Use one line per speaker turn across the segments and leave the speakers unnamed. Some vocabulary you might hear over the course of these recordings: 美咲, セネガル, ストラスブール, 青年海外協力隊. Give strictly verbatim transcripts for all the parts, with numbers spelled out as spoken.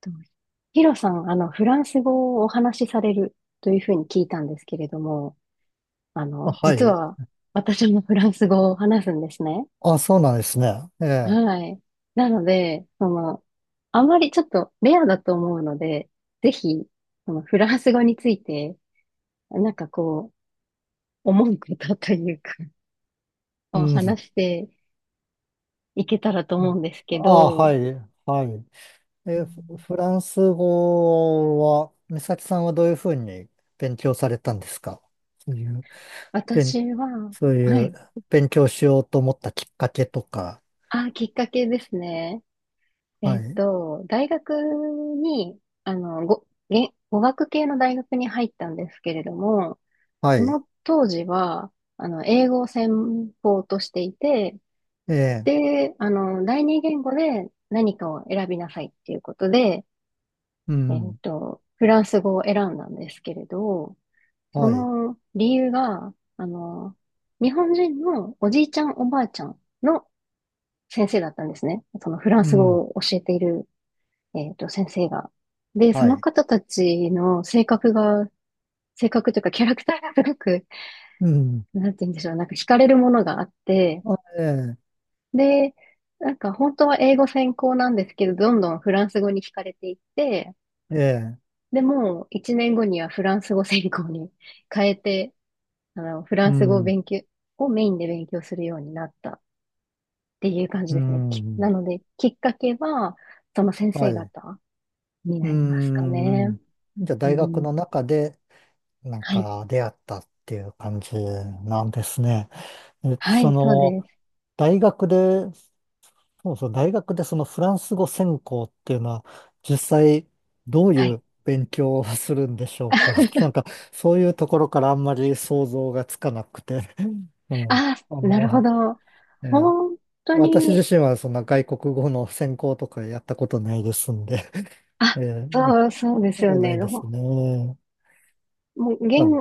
とヒロさん、あの、フランス語をお話しされるというふうに聞いたんですけれども、あ
あ、
の、
は
実
い。
は私もフランス語を話すんですね。
あ、そうなんですね。ええ。
はい。なので、その、あまりちょっとレアだと思うので、ぜひ、そのフランス語について、なんかこう、思うことというか、
う
を話
ん。
していけたらと思うんです
あ、
け
は
ど、
い。はい。
う
え、フ
ん。
フランス語は、美咲さんはどういうふうに勉強されたんですか。そういう、勉、
私は、
そう
は
いう
い。
勉強しようと思ったきっかけとか。
あ、きっかけですね。え
は
っ
い。
と、大学に、あの、ご、げ、語学系の大学に入ったんですけれども、
は
そ
い。
の当時は、あの、英語を専攻としていて、
ええ。
で、あの、第二言語で何かを選びなさいっていうことで、
う
えっ
ん。
と、フランス語を選んだんですけれど、そ
はい。
の理由が、あの、日本人のおじいちゃんおばあちゃんの先生だったんですね。そのフラン
う
ス語
ん。
を教えているえっと、先生が。で、そ
は
の
い。
方たちの性格が、性格というかキャラクターがすごく、
うん。
なんて言うんでしょう、なんか惹かれるものがあって、
あ、え
で、なんか本当は英語専攻なんですけど、どんどんフランス語に惹かれていって、
え。ええ。
でも、一年後にはフランス語専攻に 変えて、あの、フラ
う
ンス語を
ん。
勉強、をメインで勉強するようになったっていう感じ
う
ですね。きな
ん。
ので、きっかけは、その先
は
生
い。
方に
う
なりますかね。
ん。じゃあ、
う
大学
ん。
の中でなん
はい。
か出会ったっていう感じなんですね。え、
は
そ
い、そう
の、
です。
大学で、そうそう、大学でそのフランス語専攻っていうのは、実際どう
は
い
い。
う勉強をするんでしょうか。なん か、そういうところからあんまり想像がつかなくて。うん。
あ、
あ
なるほ
の、
ど。
ええ
本当
私
に、
自身はそんな外国語の専攻とかやったことないですんで、
あ、
ええ、
そう、そうです
そ
よ
うない
ね。
です
ほ
ね。
もう、言
あ、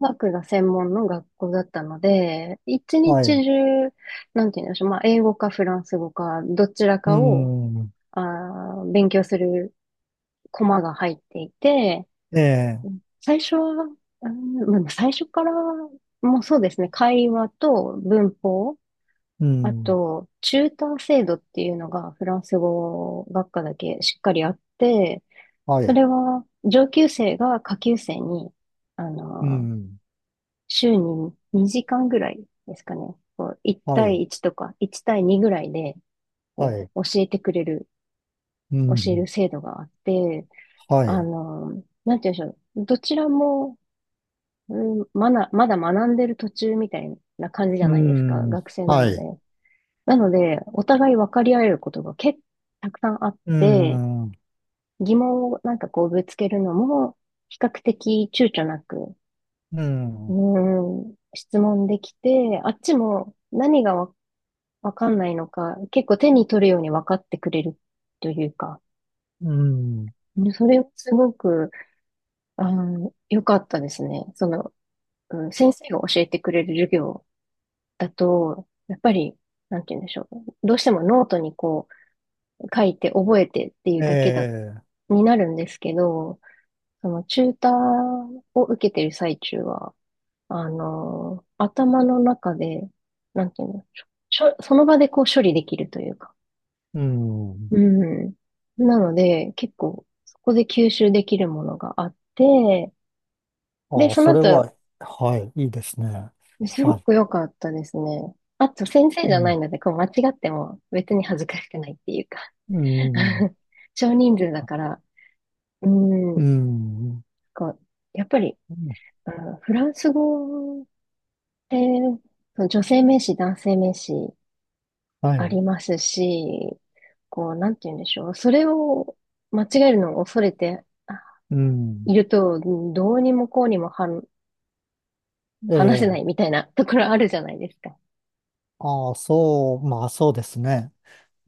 学が専門の学校だったので、一日
はい。
中、なんて言うんでしょう。まあ、英語かフランス語か、どちら
う
かを、
ん。
あー、勉強するコマが入っていて、
ええ、
最初は、うん、まあ最初から、もうそうですね。会話と文法、
う
あ
ん、
と、チューター制度っていうのがフランス語学科だけしっかりあって、
は
そ
い、
れは上級生が下級生に、あ
う
の、
ん、
週ににじかんぐらいですかね。こういち
はい、
対いちとかいち対にぐらいで
は
こ
い、
う教えてくれる、
う
教える
ん、
制度があって、
は
あ
い、
の、なんて言うんでしょう。どちらも、うん、まだ、まだ学んでる途中みたいな感じじゃ
う
ないですか。
ん、
学生な
は
ので。
い、
なので、お互い分かり合えることが結構たくさんあっ
う
て、
ん、
疑問をなんかこうぶつけるのも、比較的躊躇なく、
う
う
ん、
ーん、質問できて、あっちも何がわ、わかんないのか、結構手に取るように分かってくれるというか、
うん、
うん、それをすごく、あの、良かったですね。その、うん、先生が教えてくれる授業だと、やっぱり、なんて言うんでしょう。どうしてもノートにこう、書いて覚えてっていう
え
だけだ
え、
になるんですけど、そのチューターを受けてる最中は、あの、頭の中で、なんていうの、しょ、その場でこう処理できるというか。
うん。
うん。なので、結構そこで吸収できるものがあって、で、
ああ、
その
それは、
後、
はい、いいですね。
すご
はい、
く良かったですね。あと、先生じ
う
ゃない
ん、
ので、こう間違っても別に恥ずかしくないっていうか
うん、
少人数だから、う
う
ん、
ん、
こう、やっぱり、あのフランス語で、その女性名詞、男性名詞
は
あ
い、
りますし、こう、なんて言うんでしょう。それを間違えるのを恐れてあ
う
い
ん、
ると、どうにもこうにもはん
え
話せな
え、
いみたいなところあるじゃないですか。
ああ、そう、まあ、そうですね。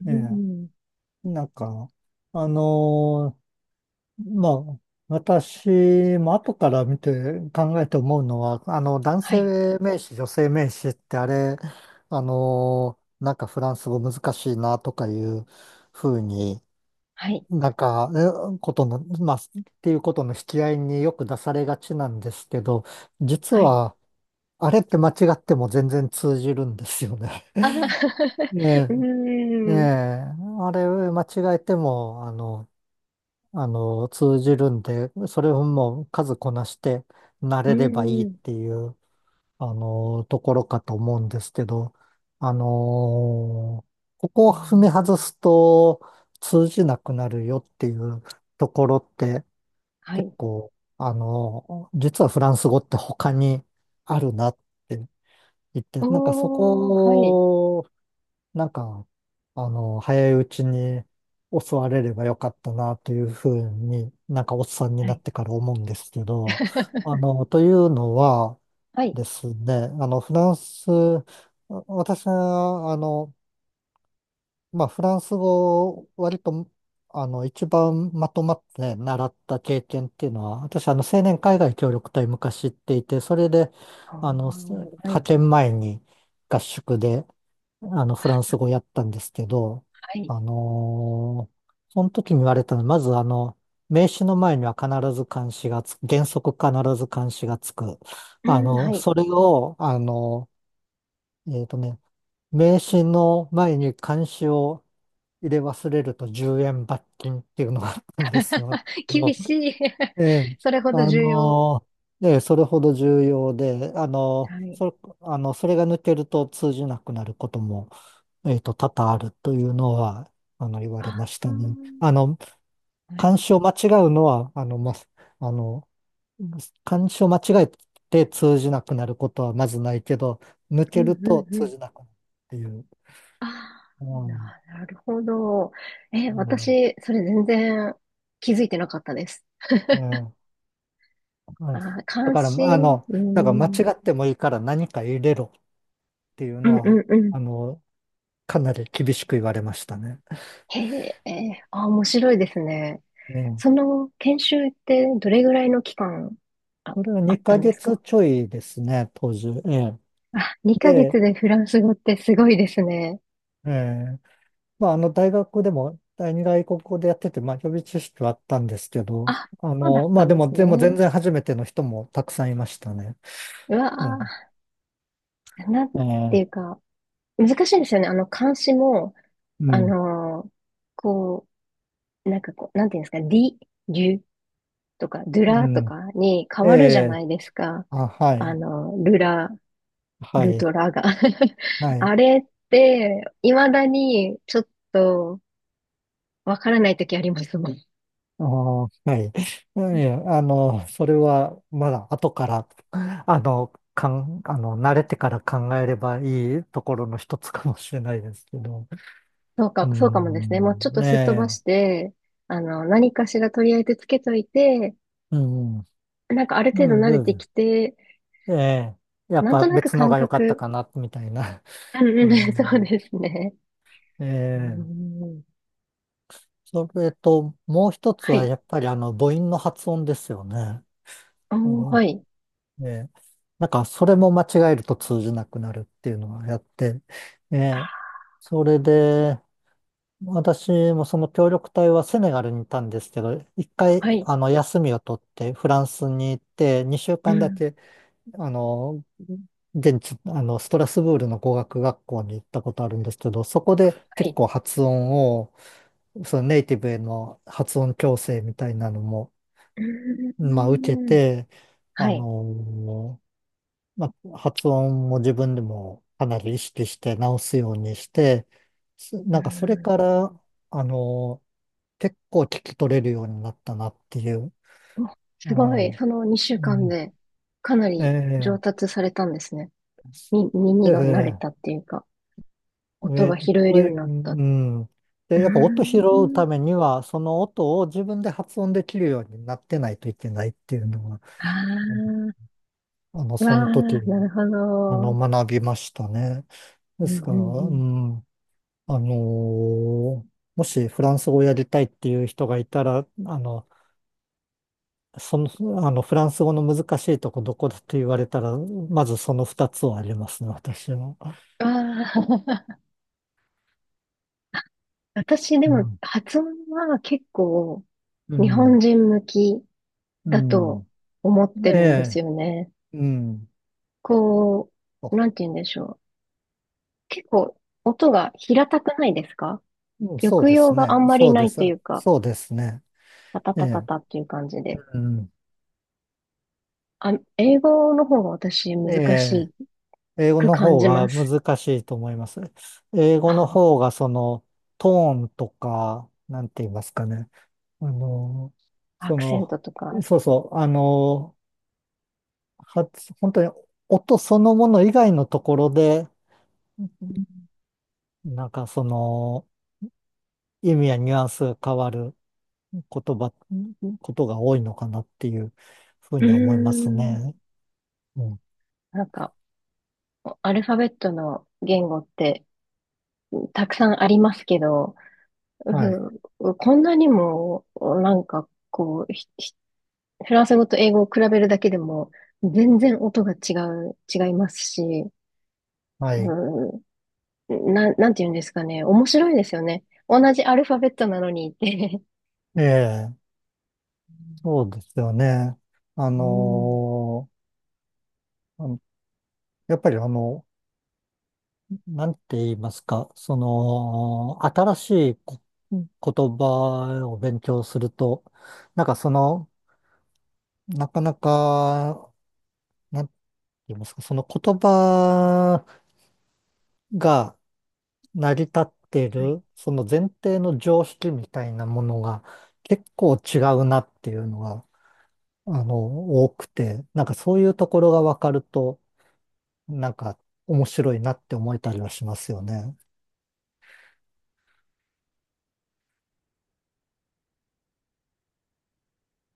う
ええ、
ん。
なんか、あのーまあ、私も後から見て考えて思うのは、あの、男
はい、
性名詞、女性名詞ってあれ、あの、なんかフランス語難しいなとかいうふうに、
はい、
なんか、えことの、まあ、っていうことの引き合いによく出されがちなんですけど、実
はい。
は、あれって間違っても全然通じるんですよね。
ああ
ね
う
え、ねえ、
ーん、
あれ間違えても、あの、あの、通じるんで、それをもう数こなして慣
うー
れればいいっ
ん、
ていう、あの、ところかと思うんですけど、あの、ここ
う
を踏み
ん。
外すと通じなくなるよっていうところって
は
結
い。
構、あの、実はフランス語って他にあるなって言って、なんかそ
おー、はい、
こなんか、あの、早いうちに襲われればよかったなというふうに、なんかおっさんに
は
なっ
い。
てから思うんですけど、あ の、というのは
は
で
い。
すね、あの、フランス、私は、あの、まあ、フランス語を割と、あの、一番まとまって習った経験っていうのは、私、あの、青年海外協力隊昔行っていて、それで、
お
あの、
ー、は
派
い。
遣前に合宿で、あの、フランス語やったんですけど、
はい。
あのーその時に言われたのは、まずあの、名詞の前には必ず冠詞がつく、原則必ず冠詞がつく。
う
あ
ん、は
の、
い。
それを、あの、えっとね、名詞の前に冠詞を入れ忘れるとじゅうえん罰金っていうのがあったんですよ。
厳
もう
しい。
ええ、
それほど
あ
重要。
のーええ、それほど重要で、あの
は
ー、
い。
そ、あの、それが抜けると通じなくなることもえっと、多々あるというのは、あの、言われ
あ
まし
あ
た
ー、
ね。あの、
は
漢
い。
詩を間違うのは、あの、ま、あの、漢詩を間違えて通じなくなることはまずないけど、抜
うん
ける
う
と
んう
通
ん。
じなくなるっていう。
ああ、
うん。
な、なるほど。え、
うん。
私、それ全然気づいてなかったです。
ええ。う
あ
ん。
ー、
だ
関
から、あ
心、
の、
う
だから間違
ん、
ってもいいから何か入れろっていう
う
の
んう
は、
んうん。
あの、かなり厳しく言われましたね。
へえ、えーあー、面白いですね。
ね、
その研修ってどれぐらいの期間あ、
それは
あった
2
んで
ヶ
す
月
か？
ちょいですね、当時。ええ。
あ、2ヶ
で、
月でフランス語ってすごいですね。
ええまあ、あの、大学でも第二外国語でやってて、まあ、予備知識はあったんですけど、
あ、
あ
そうだ
の、
っ
ま
た
あ、
ん
で
で
も、
す
でも全
ね。
然初めての人もたくさんいましたね。
うわ
うん。
ー、なんてい
え
う
え。
か、難しいんですよね。あの、漢詩も、
う
あ
ん。
のーこう、なんかこう、なんていうんですか、り、りゅとか、ドゥ
う
ラと
ん。
かに変
え
わるじゃな
え。
いですか。
あ、は
あ
い。
の、ルラ、
は
ル
い。
とラが。
は い。
あれって、未だにちょっとわからない時ありますもん。
ああ、はい。いやあの、それは、まだ後から、あの、かん、あの、慣れてから考えればいいところの一つかもしれないですけど。
そう
う
か、そうかもですね。もうちょ
ん。
っとすっ飛ば
ね
して、あの、何かしらとりあえずつけといて、
え。うん。
なんかある
う
程度
ん。
慣れ
う
て
ん。
きて、
ええ、やっ
なん
ぱ
となく
別の
感
が良かった
覚、
かな、みたいな。
う
う
んうん、そう
ん、
ですね。
え
う
え、
ん。
それと、もう一つ
は
は
い。
やっぱりあの、母音の発音ですよね。え
おー、はい。
え、ええ、なんか、それも間違えると通じなくなるっていうのをやって、ええ、
あ、
それで、私もその協力隊はセネガルにいたんですけど、一回、
はい。
あの、休みを取ってフランスに行って、2週
う
間だ
ん、
けあの、現地、あの、ストラスブールの語学学校に行ったことあるんですけど、そこで
は
結
い。
構発音を、そのネイティブへの発音矯正みたいなのも、
う
まあ、受け
ん、
て、
は
あ
い。
の、まあ、発音も自分でもかなり意識して直すようにして、すなんかそれか
う
ら、あの、結構聞き取れるようになったなっていう。
ん、お、
う
すご
ん。
い。そ
う
のにしゅうかん
ん。
で、かなり
え
上
え。
達されたんですね。み、耳が慣れ
で
たっていうか、
え
音が
ー、
拾え
と
るよ
い
うに
う、
なった。う
うん。
ー
で、やっぱ音拾う
ん、
ためには、その音を自分で発音できるようになってないといけないっていうのが、
あ
あの、
あ、わ
そ
あ、
の時、
なるほ
あの、
ど。
学びましたね。
う
で
ん
す
う
か
んう
ら、う
ん。
ん、あのーもしフランス語をやりたいっていう人がいたら、あの、その、あの、フランス語の難しいとこどこだと言われたら、まずその二つはありますね、私は。
ああ、私で
う
も
ん、
発音は結構
う
日本
ん、
人向き
う
だと
ん。
思って
え
るんです
え、
よね。
うん。
こう、なんて言うんでしょう。結構音が平たくないですか？
うん、そう
抑
で
揚
す
が
ね。
あんま
そ
り
う
な
で
い
す。
というか、
そうですね。
タタ
え
タタ
え。
タっていう感じで。
うん。
あ、英語の方が私難
ええ。
し
英語
く
の
感
方
じま
が
す。
難しいと思います。英語の方
あ
がそのトーンとか、なんて言いますかね。あの、
あ、ア
そ
クセン
の、
トとか。
そうそう、あの、発本当に音そのもの以外のところで、なんかその意味やニュアンスが変わる言葉、ことが多いのかなっていうふう
う
に思います
ーん。
ね。うん。
なんか、アルファベットの言語ってたくさんありますけど、
はい。
うん、こんなにも、なんかこう、ひフランス語と英語を比べるだけでも、全然音が違う、違いますし、
はい。
うん、な、なんて言うんですかね。面白いですよね。同じアルファベットなのにって。
ええ、そう ですよね。あ
うん、うん、
のーあのやっぱりあの、なんて言いますか、その、新しいこ言葉を勉強すると、なんかその、なかなか、なんて言いますか、その言葉が成り立ってい
はい。
る、その前提の常識みたいなものが結構違うなっていうのが、あの、多くて、なんかそういうところがわかると、なんか面白いなって思えたりはしますよね。